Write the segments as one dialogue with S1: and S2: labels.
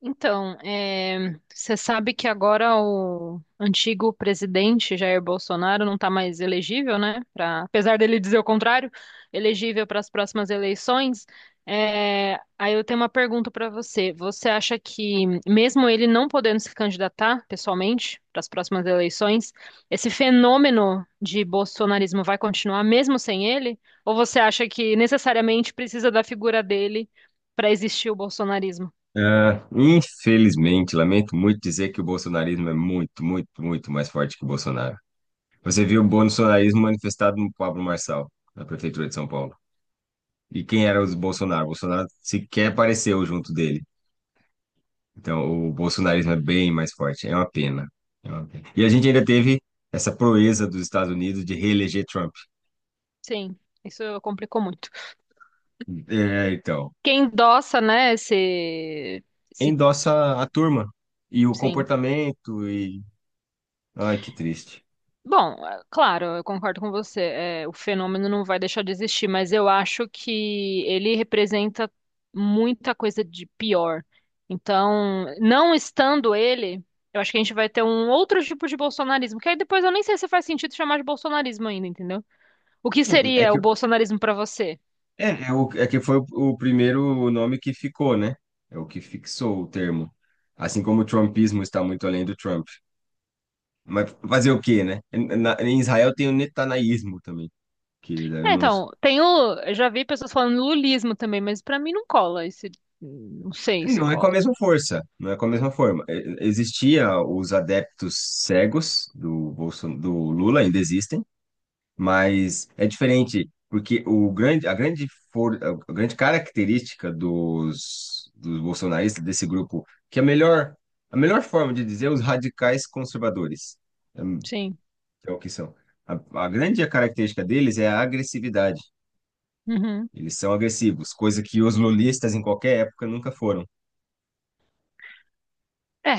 S1: Então, você sabe que agora o antigo presidente Jair Bolsonaro não está mais elegível, né? Pra, apesar dele dizer o contrário, elegível para as próximas eleições. Aí eu tenho uma pergunta para você. Você acha que, mesmo ele não podendo se candidatar pessoalmente para as próximas eleições, esse fenômeno de bolsonarismo vai continuar mesmo sem ele? Ou você acha que necessariamente precisa da figura dele para existir o bolsonarismo?
S2: Ah, infelizmente, lamento muito dizer que o bolsonarismo é muito, muito, muito mais forte que o Bolsonaro. Você viu o bolsonarismo manifestado no Pablo Marçal, na prefeitura de São Paulo. E quem era o Bolsonaro? O Bolsonaro sequer apareceu junto dele. Então, o bolsonarismo é bem mais forte. É uma pena. É uma pena. E a gente ainda teve essa proeza dos Estados Unidos de reeleger Trump.
S1: Sim, isso complicou muito.
S2: É, então,
S1: Quem endossa, né, esse,
S2: endossa a turma e o
S1: sim.
S2: comportamento e... Ai, que triste.
S1: Bom, claro, eu concordo com você. O fenômeno não vai deixar de existir, mas eu acho que ele representa muita coisa de pior. Então, não estando ele, eu acho que a gente vai ter um outro tipo de bolsonarismo, que aí depois eu nem sei se faz sentido chamar de bolsonarismo ainda, entendeu? O que
S2: É é
S1: seria o
S2: que
S1: bolsonarismo para você?
S2: É, é, o, é que foi o primeiro nome que ficou, né? É o que fixou o termo. Assim como o trumpismo está muito além do Trump. Mas fazer o quê, né? Em Israel tem o netanaísmo também, que eu
S1: É,
S2: não,
S1: então, eu já vi pessoas falando lulismo também, mas pra mim não cola esse, não sei se
S2: não é com a
S1: cola.
S2: mesma força, não é com a mesma forma. Existia os adeptos cegos do Lula, ainda existem, mas é diferente, porque o grande, a grande, for, a grande característica dos bolsonaristas, desse grupo, que é a melhor forma de dizer é os radicais conservadores, hum,
S1: Sim.
S2: é o que são. A, a grande característica deles é a agressividade.
S1: Uhum.
S2: Eles são agressivos, coisa que os lulistas em qualquer época nunca foram.
S1: É,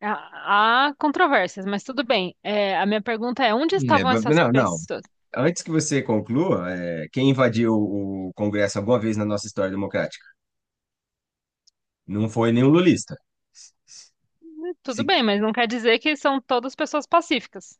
S1: há controvérsias, mas tudo bem. É, a minha pergunta é, onde
S2: É,
S1: estavam essas
S2: não, não.
S1: pessoas?
S2: Antes que você conclua, quem invadiu o Congresso alguma vez na nossa história democrática? Não foi nenhum lulista.
S1: Tudo
S2: Se,
S1: bem, mas não quer dizer que são todas pessoas pacíficas.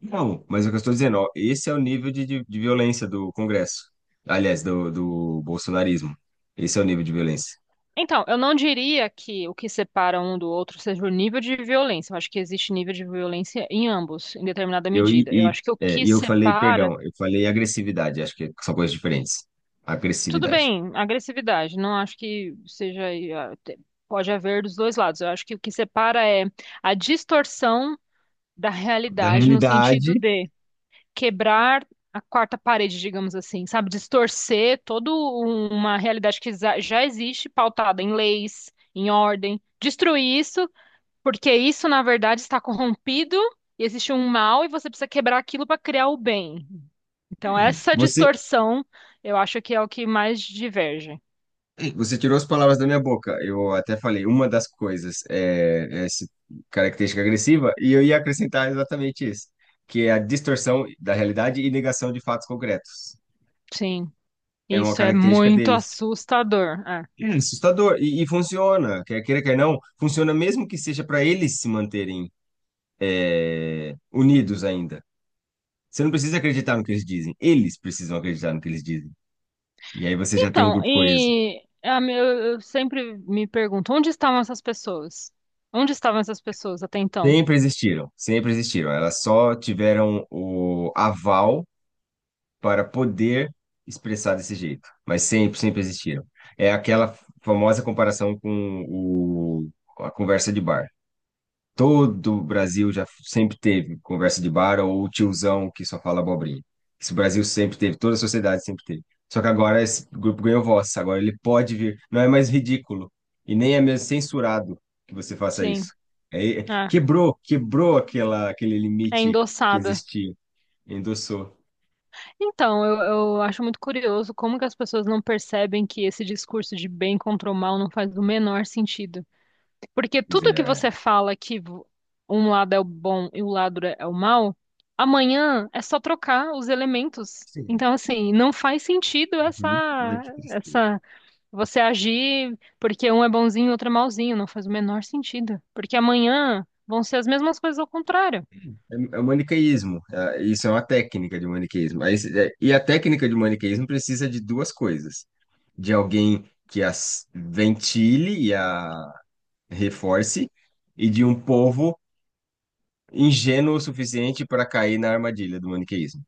S2: Não, mas é o que eu estou dizendo, ó, esse é o nível de violência do Congresso. Aliás, do bolsonarismo. Esse é o nível de violência.
S1: Então, eu não diria que o que separa um do outro seja o nível de violência. Eu acho que existe nível de violência em ambos, em determinada
S2: Eu,
S1: medida. Eu
S2: e,
S1: acho que o
S2: é,
S1: que
S2: e eu falei,
S1: separa.
S2: perdão, eu falei agressividade, acho que são coisas diferentes.
S1: Tudo
S2: Agressividade.
S1: bem, agressividade. Não acho que seja. ah, te- Pode haver dos dois lados. Eu acho que o que separa é a distorção da
S2: Da
S1: realidade, no sentido
S2: realidade,
S1: de quebrar a quarta parede, digamos assim, sabe? Distorcer toda uma realidade que já existe, pautada em leis, em ordem. Destruir isso, porque isso, na verdade, está corrompido e existe um mal e você precisa quebrar aquilo para criar o bem. Então, essa
S2: você,
S1: distorção, eu acho que é o que mais diverge.
S2: você tirou as palavras da minha boca. Eu até falei, uma das coisas é essa característica agressiva, e eu ia acrescentar exatamente isso, que é a distorção da realidade e negação de fatos concretos.
S1: Sim,
S2: É uma
S1: isso é
S2: característica
S1: muito
S2: deles.
S1: assustador. É.
S2: É assustador. E funciona, quer queira, quer não, funciona mesmo que seja para eles se manterem unidos ainda. Você não precisa acreditar no que eles dizem, eles precisam acreditar no que eles dizem. E aí você já tem um
S1: Então,
S2: grupo coeso.
S1: e a me- eu sempre me pergunto, onde estavam essas pessoas? Onde estavam essas pessoas até então?
S2: Sempre existiram, sempre existiram. Elas só tiveram o aval para poder expressar desse jeito, mas sempre, sempre existiram. É aquela famosa comparação com a conversa de bar. Todo o Brasil já sempre teve conversa de bar ou o tiozão que só fala abobrinha. Isso o Brasil sempre teve, toda a sociedade sempre teve. Só que agora esse grupo ganhou voz, agora ele pode vir. Não é mais ridículo e nem é mesmo censurado que você faça
S1: Sim,
S2: isso.
S1: é,
S2: Quebrou aquele
S1: é
S2: limite que
S1: endossada.
S2: existia, endossou.
S1: Então, eu acho muito curioso como que as pessoas não percebem que esse discurso de bem contra o mal não faz o menor sentido. Porque
S2: Quer
S1: tudo
S2: dizer,
S1: que você fala que um lado é o bom e o lado é o mal, amanhã é só trocar os elementos.
S2: sim,
S1: Então, assim, não faz sentido
S2: uhum. Ai, que tristeza.
S1: essa, você agir porque um é bonzinho e outro é malzinho. Não faz o menor sentido. Porque amanhã vão ser as mesmas coisas ao contrário.
S2: É o maniqueísmo. Isso é uma técnica de maniqueísmo. Aí, e a técnica de maniqueísmo precisa de duas coisas: de alguém que as ventile e a reforce, e de um povo ingênuo o suficiente para cair na armadilha do maniqueísmo.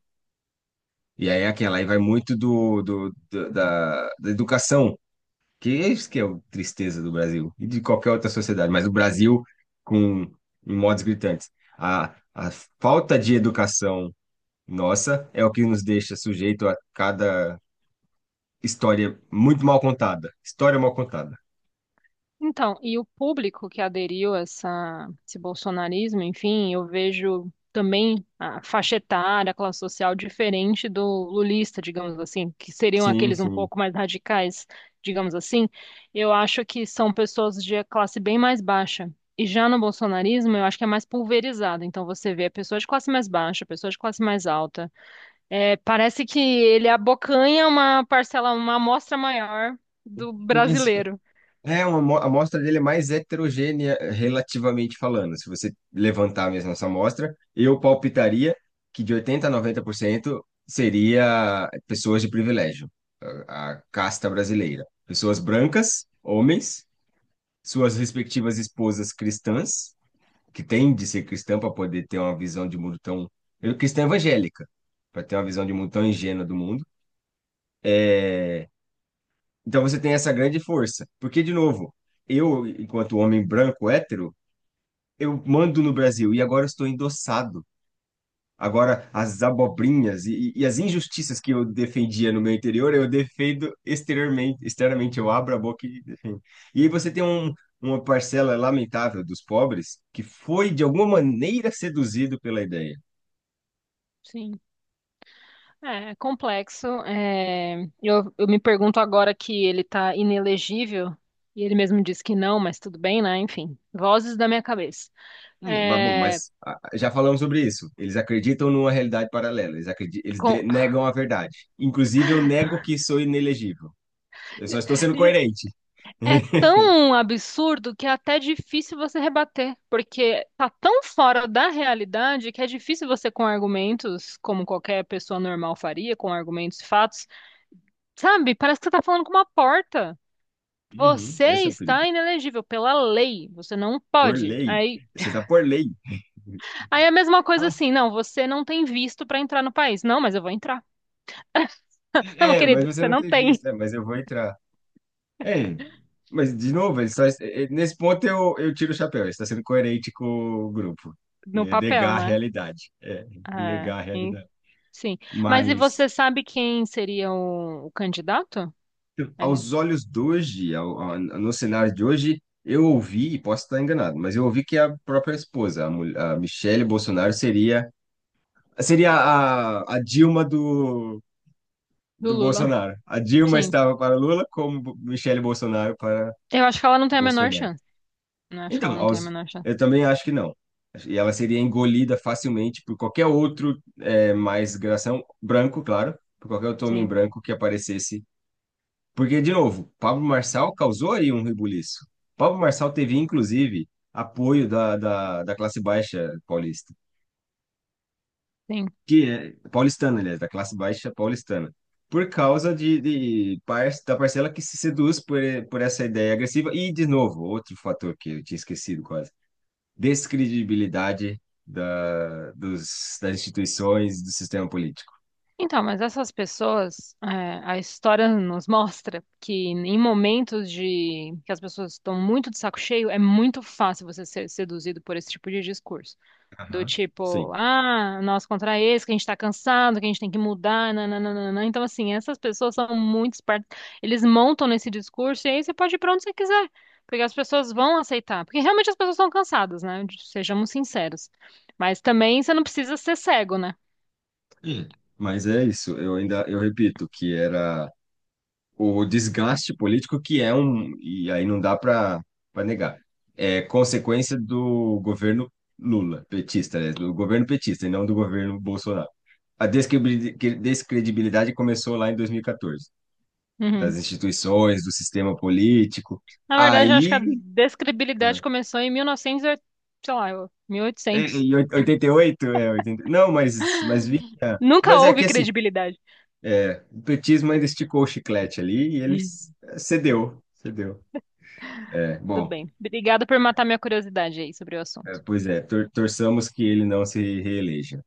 S2: E aí aquela aí vai muito da educação, que é isso que é a tristeza do Brasil e de qualquer outra sociedade, mas o Brasil com em modos gritantes. A falta de educação. Nossa, é o que nos deixa sujeito a cada história muito mal contada. História mal contada.
S1: Então, e o público que aderiu a essa, esse bolsonarismo, enfim, eu vejo também a faixa etária, a classe social diferente do lulista, digamos assim, que seriam
S2: Sim,
S1: aqueles um
S2: sim.
S1: pouco mais radicais, digamos assim. Eu acho que são pessoas de classe bem mais baixa. E já no bolsonarismo, eu acho que é mais pulverizado. Então, você vê pessoas de classe mais baixa, pessoas de classe mais alta. É, parece que ele abocanha uma parcela, uma amostra maior do
S2: Mas
S1: brasileiro.
S2: é a amostra dele é mais heterogênea relativamente falando. Se você levantar mesmo essa amostra, eu palpitaria que de 80 a 90% seria pessoas de privilégio, a casta brasileira. Pessoas brancas, homens, suas respectivas esposas cristãs que tem de ser cristão para poder ter uma visão de mundo tão. Eu, cristã evangélica, para ter uma visão de mundo tão ingênua do mundo. É, então você tem essa grande força. Porque, de novo, eu, enquanto homem branco hétero, eu mando no Brasil e agora eu estou endossado. Agora, as abobrinhas e as injustiças que eu defendia no meu interior, eu defendo exteriormente, externamente, eu abro a boca e defendo. E aí você tem uma parcela lamentável dos pobres que foi, de alguma maneira, seduzido pela ideia.
S1: Sim. É, é complexo. É, eu me pergunto agora que ele tá inelegível, e ele mesmo disse que não, mas tudo bem, né? Enfim, vozes da minha cabeça.
S2: Mas, bom,
S1: É,
S2: mas já falamos sobre isso. Eles acreditam numa realidade paralela. Eles acredi- eles
S1: com-
S2: de- negam a verdade. Inclusive, eu nego que sou inelegível. Eu só estou sendo coerente.
S1: é tão absurdo que é até difícil você rebater, porque tá tão fora da realidade que é difícil você, com argumentos, como qualquer pessoa normal faria, com argumentos e fatos, sabe? Parece que você tá falando com uma porta.
S2: Uhum,
S1: Você
S2: esse é o perigo.
S1: está inelegível pela lei, você não
S2: Por
S1: pode.
S2: lei.
S1: Aí.
S2: Você está por lei.
S1: Aí é a mesma coisa
S2: Ah,
S1: assim, não, você não tem visto pra entrar no país. Não, mas eu vou entrar. Não, meu
S2: mas
S1: querido,
S2: você
S1: você
S2: não
S1: não
S2: tem visto,
S1: tem
S2: né? Mas eu vou entrar. É, mas de novo, ele só, é, é, nesse ponto eu tiro o chapéu. Ele está sendo coerente com o grupo.
S1: no
S2: É
S1: papel,
S2: negar a
S1: né?
S2: realidade. É,
S1: É,
S2: negar a realidade.
S1: sim. Mas e
S2: Mas.
S1: você sabe quem seria o candidato? É,
S2: Aos olhos de hoje, no cenário de hoje, eu ouvi, e posso estar enganado, mas eu ouvi que a própria esposa, a Michele Bolsonaro, seria a Dilma do,
S1: do
S2: do
S1: Lula.
S2: Bolsonaro. A Dilma
S1: Sim.
S2: estava para Lula, como Michele Bolsonaro para
S1: Eu acho que ela não tem a menor
S2: Bolsonaro.
S1: chance. Eu acho que ela
S2: Então,
S1: não tem a menor chance.
S2: eu também acho que não. E ela seria engolida facilmente por qualquer outro mais gração, branco, claro, por qualquer outro homem
S1: Sim,
S2: branco que aparecesse. Porque, de novo, Pablo Marçal causou aí um rebuliço. Pablo Marçal teve, inclusive, apoio da classe baixa paulista,
S1: sim.
S2: que é paulistana, aliás, da classe baixa paulistana, por causa da parcela que se seduz por essa ideia agressiva. E, de novo, outro fator que eu tinha esquecido quase, descredibilidade das instituições do sistema político.
S1: Então, mas essas pessoas, é, a história nos mostra que em momentos de que as pessoas estão muito de saco cheio, é muito fácil você ser seduzido por esse tipo de discurso. Do
S2: Aham.
S1: tipo,
S2: Sim.
S1: ah, nós contra esse, que a gente tá cansado, que a gente tem que mudar, nananana. Então, assim, essas pessoas são muito espertas. Eles montam nesse discurso e aí você pode ir pra onde você quiser. Porque as pessoas vão aceitar. Porque realmente as pessoas estão cansadas, né? Sejamos sinceros. Mas também você não precisa ser cego, né?
S2: Hum. Mas é isso, eu ainda, eu repito, que era o desgaste político que é um, e aí não dá para negar, é consequência do governo Lula, petista, né? Do governo petista e não do governo Bolsonaro. A descredibilidade começou lá em 2014, das
S1: Uhum.
S2: instituições, do sistema político.
S1: Na verdade, eu acho que a
S2: Aí,
S1: descredibilidade começou em 1900, novecentos, sei lá, 1800.
S2: em 88, 80, não, mas vinha.
S1: Nunca
S2: Mas é
S1: houve
S2: que assim,
S1: credibilidade.
S2: o petismo ainda esticou o chiclete ali e
S1: Hum.
S2: eles cedeu, cedeu. É,
S1: Tudo
S2: bom.
S1: bem. Obrigada por matar minha curiosidade aí sobre o
S2: É,
S1: assunto.
S2: pois é, torçamos que ele não se reeleja.